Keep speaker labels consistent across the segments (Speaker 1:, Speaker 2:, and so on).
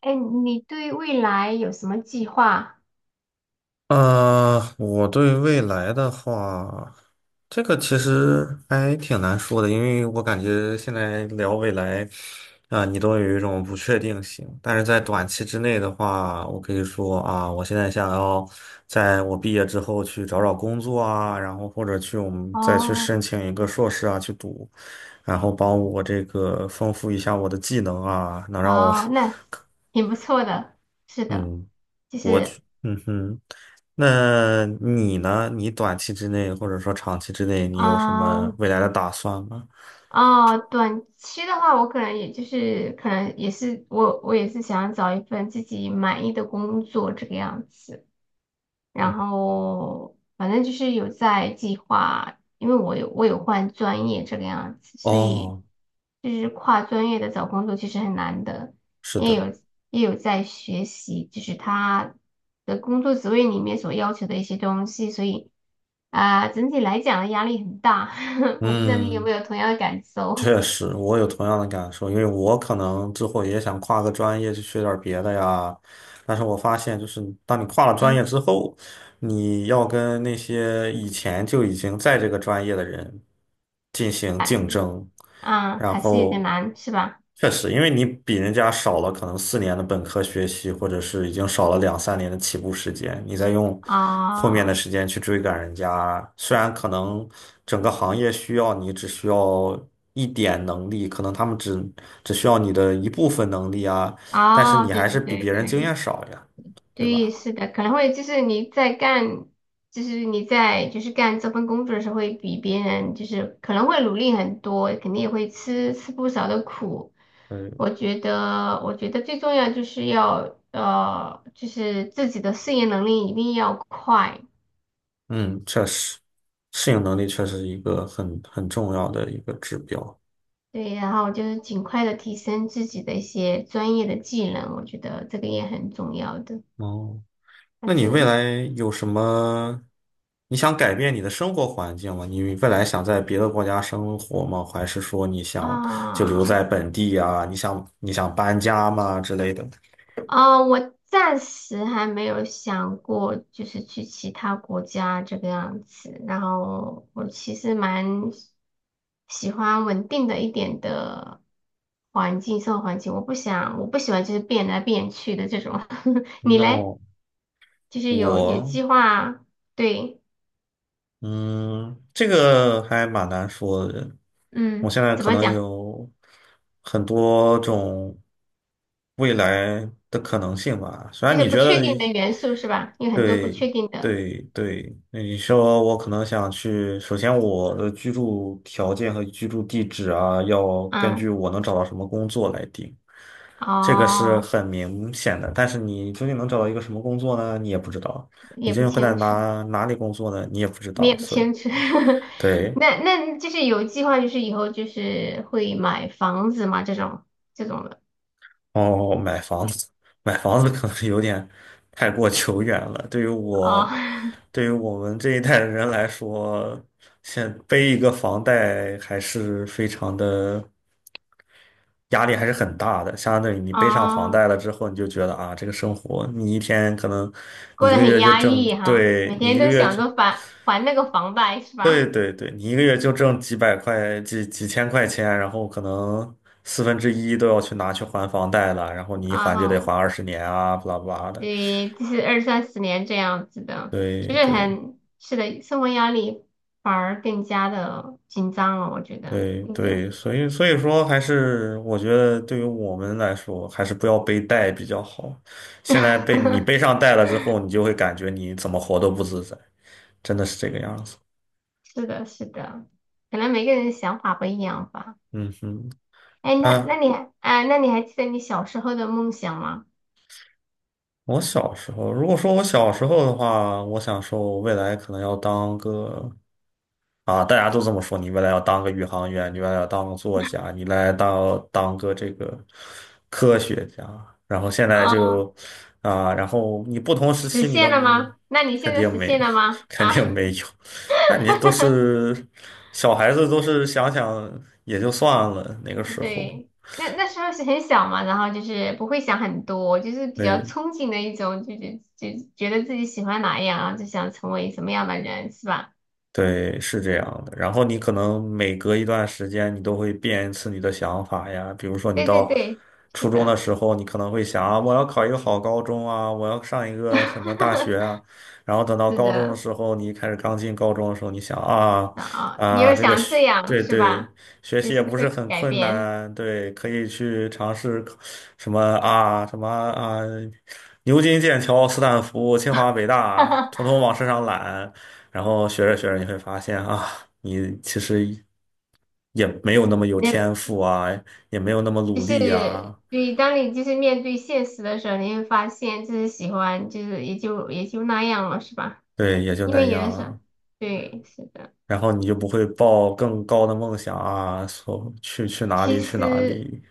Speaker 1: 哎，你对未来有什么计划？
Speaker 2: 我对未来的话，这个其实还挺难说的，因为我感觉现在聊未来，啊、你都有一种不确定性。但是在短期之内的话，我可以说啊，我现在想要在我毕业之后去找找工作啊，然后或者我们再去
Speaker 1: 哦
Speaker 2: 申请一个硕士啊去读，然后帮我这个丰富一下我的技能啊，能让我，
Speaker 1: 哦，那挺不错的。是 的，
Speaker 2: 嗯，
Speaker 1: 就
Speaker 2: 我去，
Speaker 1: 是
Speaker 2: 嗯哼。那你呢？你短期之内或者说长期之内，你有什么
Speaker 1: 嗯
Speaker 2: 未来的打算吗？
Speaker 1: 哦，短期的话，我可能也就是可能也是我也是想找一份自己满意的工作这个样子。
Speaker 2: 嗯，
Speaker 1: 然后反正就是有在计划，因为我有换专业这个样子，所以
Speaker 2: 哦，
Speaker 1: 就是跨专业的找工作其实很难的，
Speaker 2: 是
Speaker 1: 也
Speaker 2: 的，
Speaker 1: 有也有在学习，就是他的工作职位里面所要求的一些东西，所以啊、整体来讲压力很大，我不知道你有
Speaker 2: 嗯，
Speaker 1: 没有同样的感受，
Speaker 2: 确实，我有同样的感受，因为我可能之后也想跨个专业去学点儿别的呀，但是我发现，就是当你跨了专业
Speaker 1: 嗯，
Speaker 2: 之后，你要跟那些以前就已经在这个专业的人进行竞争，
Speaker 1: 啊，
Speaker 2: 然
Speaker 1: 还是有点
Speaker 2: 后
Speaker 1: 难，是吧？
Speaker 2: 确实，因为你比人家少了可能4年的本科学习，或者是已经少了两三年的起步时间，你再用后面的
Speaker 1: 啊，
Speaker 2: 时间去追赶人家，虽然可能整个行业需要你只需要一点能力，可能他们只需要你的一部分能力啊，但是
Speaker 1: 哦，
Speaker 2: 你
Speaker 1: 对
Speaker 2: 还
Speaker 1: 对
Speaker 2: 是比
Speaker 1: 对
Speaker 2: 别人经
Speaker 1: 对。
Speaker 2: 验少呀，对
Speaker 1: 对，
Speaker 2: 吧？
Speaker 1: 是的，可能会就是你在干，就是你在就是干这份工作的时候，会比别人就是可能会努力很多，肯定也会吃吃不少的苦。
Speaker 2: 嗯。
Speaker 1: 我觉得，我觉得最重要就是要就是自己的适应能力一定要快，
Speaker 2: 嗯，确实，适应能力确实是一个很重要的一个指标。
Speaker 1: 对，然后就是尽快的提升自己的一些专业的技能，我觉得这个也很重要的。
Speaker 2: 哦，
Speaker 1: 反
Speaker 2: 那你未
Speaker 1: 正
Speaker 2: 来有什么？你想改变你的生活环境吗？你未来想在别的国家生活吗？还是说你想就留
Speaker 1: 啊。
Speaker 2: 在本地啊？你想搬家吗之类的
Speaker 1: 啊，我暂时还没有想过，就是去其他国家这个样子。然后我其实蛮喜欢稳定的一点的环境，生活环境。我不想，我不喜欢就是变来变去的这种。你嘞？
Speaker 2: ？No，
Speaker 1: 就是有有
Speaker 2: 我。
Speaker 1: 计划，对，
Speaker 2: 嗯，这个还蛮难说的。我
Speaker 1: 嗯，
Speaker 2: 现在
Speaker 1: 怎
Speaker 2: 可
Speaker 1: 么
Speaker 2: 能
Speaker 1: 讲？
Speaker 2: 有很多种未来的可能性吧。虽
Speaker 1: 就
Speaker 2: 然
Speaker 1: 是
Speaker 2: 你
Speaker 1: 不
Speaker 2: 觉
Speaker 1: 确
Speaker 2: 得，
Speaker 1: 定的元素是吧？有很多不
Speaker 2: 对
Speaker 1: 确定的，
Speaker 2: 对对，那你说我可能想去，首先我的居住条件和居住地址啊，要根据
Speaker 1: 嗯，
Speaker 2: 我能找到什么工作来定，这个是
Speaker 1: 哦，
Speaker 2: 很明显的。但是你究竟能找到一个什么工作呢？你也不知道。你
Speaker 1: 也
Speaker 2: 究
Speaker 1: 不
Speaker 2: 竟会在
Speaker 1: 清楚。
Speaker 2: 哪里工作呢？你也不知
Speaker 1: 你也
Speaker 2: 道，
Speaker 1: 不
Speaker 2: 所以。
Speaker 1: 牵扯，
Speaker 2: 对，
Speaker 1: 那那就是有计划，就是以后就是会买房子嘛，这种这种的
Speaker 2: 哦，买房子，买房子可能有点太过久远了。对于我，
Speaker 1: 啊
Speaker 2: 对于我们这一代的人来说，现背一个房贷还是非常的压力，还是很大的。相当于你背上
Speaker 1: 啊
Speaker 2: 房
Speaker 1: 哦 哦
Speaker 2: 贷了之后，你就觉得啊，这个生活，你一天可能
Speaker 1: 过
Speaker 2: 你一
Speaker 1: 得
Speaker 2: 个
Speaker 1: 很
Speaker 2: 月就
Speaker 1: 压
Speaker 2: 挣，
Speaker 1: 抑哈，
Speaker 2: 对，
Speaker 1: 每
Speaker 2: 你
Speaker 1: 天
Speaker 2: 一个
Speaker 1: 都
Speaker 2: 月。
Speaker 1: 想
Speaker 2: 就。
Speaker 1: 着还还那个房贷是
Speaker 2: 对
Speaker 1: 吧？
Speaker 2: 对对，你一个月就挣几百块、几千块钱，然后可能四分之一都要去拿去还房贷了，然后 你一
Speaker 1: 啊
Speaker 2: 还就得还
Speaker 1: 哈，
Speaker 2: 20年啊，巴拉巴拉的。
Speaker 1: 对，就是二三十年这样子的，就
Speaker 2: 对
Speaker 1: 是
Speaker 2: 对
Speaker 1: 很是的，生活压力反而更加的紧张了，我觉得，
Speaker 2: 对
Speaker 1: 并且
Speaker 2: 对，所以说还是我觉得对于我们来说，还是不要背贷比较好。现在被你背 上贷了之后，你就会感觉你怎么活都不自在，真的是这个样子。
Speaker 1: 是的，是的，可能每个人想法不一样吧。
Speaker 2: 嗯哼。
Speaker 1: 哎，那那
Speaker 2: 啊，
Speaker 1: 你还啊，那你还记得你小时候的梦想吗？
Speaker 2: 我小时候，如果说我小时候的话，我想说，我未来可能要当个。啊，大家都这么说，你未来要当个宇航员，你未来要当个作家，你未来当个这个科学家，然后现在就
Speaker 1: 哦，
Speaker 2: 啊，然后你不同时
Speaker 1: 实
Speaker 2: 期你的
Speaker 1: 现了吗？那你
Speaker 2: 肯
Speaker 1: 现在
Speaker 2: 定
Speaker 1: 实
Speaker 2: 没有，
Speaker 1: 现了吗？
Speaker 2: 肯
Speaker 1: 啊，
Speaker 2: 定没有，那你都 是小孩子，都是想想也就算了，那个时候，
Speaker 1: 对，那那时候是很小嘛，然后就是不会想很多，就是比较
Speaker 2: 对，
Speaker 1: 憧憬的一种，就就就觉得自己喜欢哪样啊，然后就想成为什么样的人，是吧？
Speaker 2: 对，是这样的。然后你可能每隔一段时间，你都会变一次你的想法呀。比如说，你
Speaker 1: 对对
Speaker 2: 到
Speaker 1: 对，
Speaker 2: 初
Speaker 1: 是
Speaker 2: 中的
Speaker 1: 的，
Speaker 2: 时候，你可能会想啊，我要考一个好高中啊，我要上一个什么大学 啊。然后等到
Speaker 1: 是
Speaker 2: 高中的
Speaker 1: 的，
Speaker 2: 时候，你一开始刚进高中的时候，你想啊
Speaker 1: 啊，哦你
Speaker 2: 啊，
Speaker 1: 又
Speaker 2: 这个
Speaker 1: 想
Speaker 2: 学
Speaker 1: 这样
Speaker 2: 对
Speaker 1: 是
Speaker 2: 对，
Speaker 1: 吧？
Speaker 2: 学
Speaker 1: 只
Speaker 2: 习也
Speaker 1: 是
Speaker 2: 不是
Speaker 1: 会
Speaker 2: 很
Speaker 1: 改
Speaker 2: 困
Speaker 1: 变。
Speaker 2: 难，对，可以去尝试考什么啊什么啊，牛津、剑桥、斯坦福、清华、北大，统统往身上揽。然后学着学着，你会发现啊，你其实也没有那么有天
Speaker 1: 你
Speaker 2: 赋啊，也没有那么
Speaker 1: 就
Speaker 2: 努力呀、
Speaker 1: 是对，当你就是面对现实的时候，你会发现就是喜欢，就是也就也就那样了，是吧？
Speaker 2: 对，也就
Speaker 1: 因
Speaker 2: 那
Speaker 1: 为有的时候，
Speaker 2: 样。
Speaker 1: 对，是的。
Speaker 2: 然后你就不会抱更高的梦想啊，说去去哪里
Speaker 1: 其
Speaker 2: 去哪
Speaker 1: 实，
Speaker 2: 里，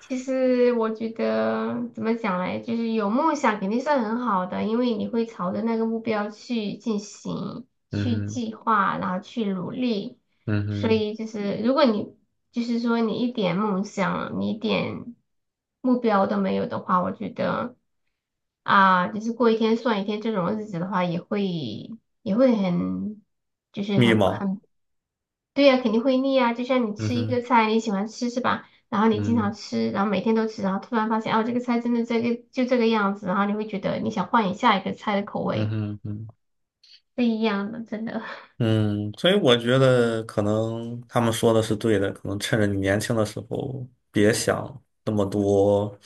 Speaker 1: 其实我觉得怎么讲嘞，就是有梦想肯定是很好的，因为你会朝着那个目标去进行、
Speaker 2: 嗯
Speaker 1: 去
Speaker 2: 哼，
Speaker 1: 计划，然后去努力。
Speaker 2: 嗯
Speaker 1: 所
Speaker 2: 哼，
Speaker 1: 以就是，如果你就是说你一点梦想、你一点目标都没有的话，我觉得啊，就是过一天算一天这种日子的话，也会也会很就是
Speaker 2: 迷
Speaker 1: 很
Speaker 2: 茫，
Speaker 1: 很对呀，肯定会腻啊。就像你
Speaker 2: 嗯
Speaker 1: 吃一个
Speaker 2: 哼，
Speaker 1: 菜，你喜欢吃是吧？然后你经
Speaker 2: 嗯，
Speaker 1: 常吃，然后每天都吃，然后突然发现哦，这个菜真的这个就这个样子，然后你会觉得你想换一下一个菜的口
Speaker 2: 嗯
Speaker 1: 味，
Speaker 2: 哼嗯哼。
Speaker 1: 不一样的，真的。
Speaker 2: 嗯，所以我觉得可能他们说的是对的，可能趁着你年轻的时候，别想那么多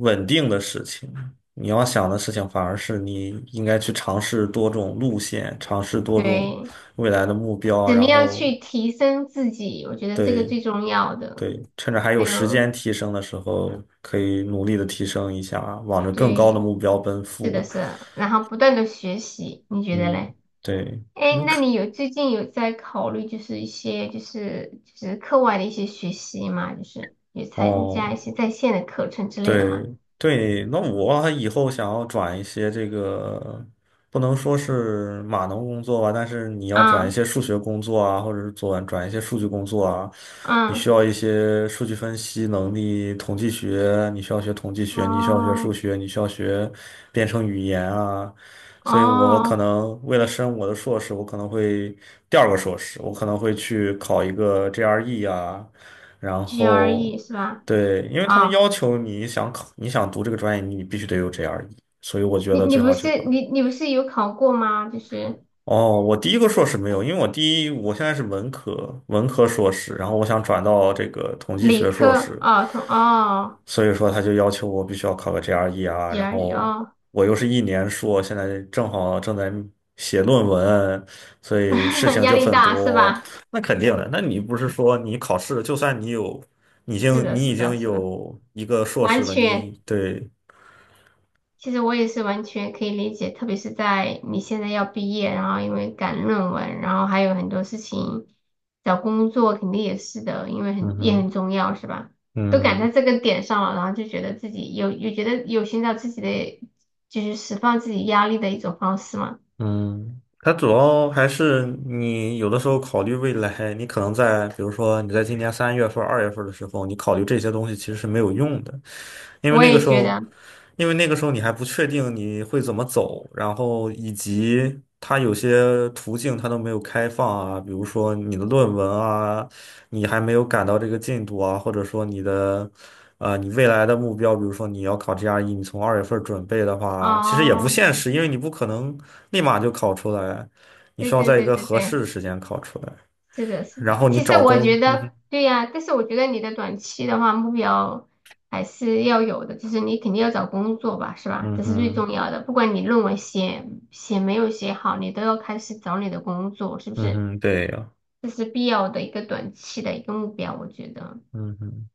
Speaker 2: 稳定的事情。你要想的事情反而是你应该去尝试多种路线，尝试 多种
Speaker 1: 对，
Speaker 2: 未来的目标，
Speaker 1: 怎么
Speaker 2: 然
Speaker 1: 样
Speaker 2: 后
Speaker 1: 去提升自己？我觉得这个
Speaker 2: 对
Speaker 1: 最重要的。
Speaker 2: 对，趁着还有
Speaker 1: 还
Speaker 2: 时间
Speaker 1: 有，
Speaker 2: 提升的时候，可以努力的提升一下，往着更高的
Speaker 1: 对，
Speaker 2: 目标奔
Speaker 1: 是的
Speaker 2: 赴。
Speaker 1: 是的然后不断的学习，你觉得
Speaker 2: 嗯，
Speaker 1: 嘞？
Speaker 2: 对，
Speaker 1: 哎，那你有最近有在考虑就是一些就是就是课外的一些学习嘛？就是有参加一
Speaker 2: 哦。
Speaker 1: 些在线的课程之类的
Speaker 2: 对
Speaker 1: 吗？
Speaker 2: 对，那我还以后想要转一些这个，不能说是码农工作吧，但是你要转一
Speaker 1: 嗯
Speaker 2: 些数学工作啊，或者是转一些数据工作啊，你需
Speaker 1: 嗯，
Speaker 2: 要一些数据分析能力、统计学，你需要学统计学，你需要学
Speaker 1: 哦，
Speaker 2: 数学，你需要学编程语言啊。所以我可
Speaker 1: 哦
Speaker 2: 能为了升我的硕士，我可能会第二个硕士，我可能会去考一个 GRE 啊。然后
Speaker 1: ，GRE 是吧？
Speaker 2: 对，因为他们
Speaker 1: 哦，
Speaker 2: 要求你想考，你想读这个专业，你必须得有 GRE，所以我觉
Speaker 1: 你
Speaker 2: 得
Speaker 1: 你
Speaker 2: 最
Speaker 1: 不
Speaker 2: 好就
Speaker 1: 是
Speaker 2: 考。
Speaker 1: 你你不是有考过吗？就是
Speaker 2: 哦，我第一个硕士没有，因为我第一我现在是文科硕士，然后我想转到这个统计
Speaker 1: 理
Speaker 2: 学硕
Speaker 1: 科
Speaker 2: 士，
Speaker 1: 哦，同哦
Speaker 2: 所以说他就要求我必须要考个 GRE 啊，然
Speaker 1: ，GRE
Speaker 2: 后
Speaker 1: 哦，
Speaker 2: 我又是一年硕，现在正好正在写论文，所以事 情
Speaker 1: 压
Speaker 2: 就
Speaker 1: 力
Speaker 2: 很
Speaker 1: 大是
Speaker 2: 多。
Speaker 1: 吧？
Speaker 2: 那肯定的，那你不是说你考试，就算你有，你已
Speaker 1: 是
Speaker 2: 经
Speaker 1: 的，
Speaker 2: 你
Speaker 1: 是
Speaker 2: 已
Speaker 1: 的，
Speaker 2: 经
Speaker 1: 是的，
Speaker 2: 有一个硕
Speaker 1: 完
Speaker 2: 士了，
Speaker 1: 全。
Speaker 2: 你对，
Speaker 1: 其实我也是完全可以理解，特别是在你现在要毕业，然后因为赶论文，然后还有很多事情，找工作肯定也是的，因为
Speaker 2: 嗯
Speaker 1: 很也很
Speaker 2: 哼，
Speaker 1: 重要，是吧？都赶
Speaker 2: 嗯。
Speaker 1: 在这个点上了，然后就觉得自己有有觉得有寻找自己的，就是释放自己压力的一种方式嘛。
Speaker 2: 嗯，它主要还是你有的时候考虑未来，你可能在比如说你在今年3月份儿、二月份的时候，你考虑这些东西其实是没有用的。因为
Speaker 1: 我
Speaker 2: 那个
Speaker 1: 也
Speaker 2: 时
Speaker 1: 觉
Speaker 2: 候，
Speaker 1: 得，
Speaker 2: 因为那个时候你还不确定你会怎么走，然后以及它有些途径它都没有开放啊，比如说你的论文啊，你还没有赶到这个进度啊，或者说你的，你未来的目标，比如说你要考 GRE，你从二月份准备的话，其实也不
Speaker 1: 哦，
Speaker 2: 现实，因为你不可能立马就考出来，你
Speaker 1: 对
Speaker 2: 需要
Speaker 1: 对
Speaker 2: 在一
Speaker 1: 对
Speaker 2: 个
Speaker 1: 对
Speaker 2: 合适
Speaker 1: 对。
Speaker 2: 的时间考出来，
Speaker 1: 是的，是
Speaker 2: 然
Speaker 1: 的。
Speaker 2: 后你
Speaker 1: 其实
Speaker 2: 找
Speaker 1: 我觉
Speaker 2: 工，嗯哼，
Speaker 1: 得，对呀，但是我觉得你的短期的话目标还是要有的，就是你肯定要找工作吧，是吧？
Speaker 2: 嗯
Speaker 1: 这是最
Speaker 2: 哼，
Speaker 1: 重要的。不管你论文写写没有写好，你都要开始找你的工作，是不
Speaker 2: 嗯
Speaker 1: 是？
Speaker 2: 哼，对呀，
Speaker 1: 这是必要的一个短期的一个目标，我觉得。
Speaker 2: 嗯哼。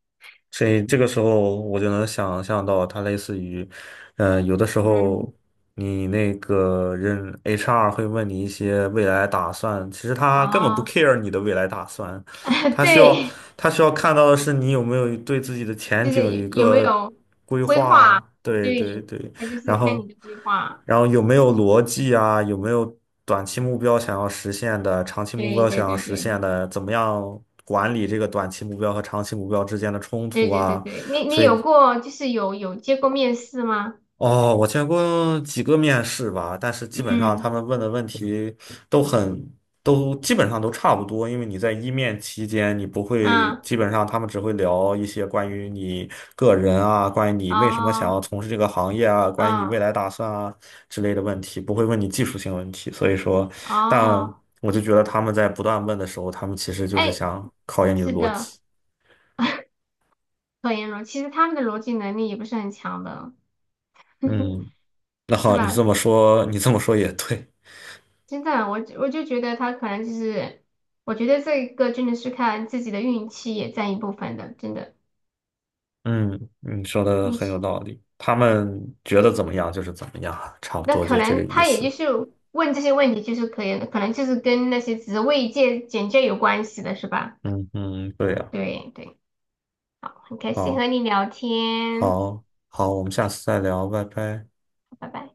Speaker 2: 所以这个时候我就能想象到，它类似于，有的时候
Speaker 1: 嗯，
Speaker 2: 你那个人 HR 会问你一些未来打算，其实他根本不
Speaker 1: 哦，
Speaker 2: care 你的未来打算，他需要
Speaker 1: 对，
Speaker 2: 他需要看到的是你有没有对自己的前
Speaker 1: 就
Speaker 2: 景
Speaker 1: 是
Speaker 2: 有
Speaker 1: 有
Speaker 2: 一
Speaker 1: 有没
Speaker 2: 个
Speaker 1: 有
Speaker 2: 规
Speaker 1: 规划？
Speaker 2: 划。对对
Speaker 1: 对，
Speaker 2: 对，
Speaker 1: 那就是
Speaker 2: 然
Speaker 1: 看
Speaker 2: 后，
Speaker 1: 你的规划。
Speaker 2: 然后有没有逻辑啊？有没有短期目标想要实现的，长期目
Speaker 1: 对
Speaker 2: 标
Speaker 1: 对
Speaker 2: 想要
Speaker 1: 对
Speaker 2: 实
Speaker 1: 对，
Speaker 2: 现的？怎么样管理这个短期目标和长期目标之间的冲突
Speaker 1: 对对对
Speaker 2: 啊？
Speaker 1: 对，你你
Speaker 2: 所以
Speaker 1: 有过就是有有接过面试吗？
Speaker 2: 哦，我见过几个面试吧，但是基本上
Speaker 1: 嗯
Speaker 2: 他们问的问题都很，都基本上都差不多，因为你在一面期间，你不会，
Speaker 1: 嗯
Speaker 2: 基本上他们只会聊一些关于你个人啊，关于你为什么想要
Speaker 1: 哦
Speaker 2: 从事这个行业啊，关于你未
Speaker 1: 嗯
Speaker 2: 来打算啊之类的问题，不会问你技术性问题。所以说，但
Speaker 1: 哦，
Speaker 2: 我就觉得他们在不断问的时候，他们其实就是
Speaker 1: 哎，
Speaker 2: 想考验你的
Speaker 1: 是
Speaker 2: 逻
Speaker 1: 的，
Speaker 2: 辑。
Speaker 1: 可言逻，其实他们的逻辑能力也不是很强的，
Speaker 2: 嗯，那
Speaker 1: 是
Speaker 2: 好，你
Speaker 1: 吧？
Speaker 2: 这么说，你这么说也对。
Speaker 1: 真的，我我就觉得他可能就是，我觉得这个真的是看自己的运气也占一部分的，真的
Speaker 2: 嗯，你说的
Speaker 1: 运
Speaker 2: 很有
Speaker 1: 气。
Speaker 2: 道理。他们觉得怎么样就是怎么样啊，差不
Speaker 1: 那
Speaker 2: 多
Speaker 1: 可
Speaker 2: 就这个
Speaker 1: 能
Speaker 2: 意
Speaker 1: 他也就
Speaker 2: 思。
Speaker 1: 是问这些问题，就是可以，可能就是跟那些职位介简介有关系的，是吧？
Speaker 2: 嗯嗯，对呀，
Speaker 1: 对对。很开心
Speaker 2: 好，
Speaker 1: 和你聊天，
Speaker 2: 好，好，我们下次再聊，拜拜。
Speaker 1: 拜拜。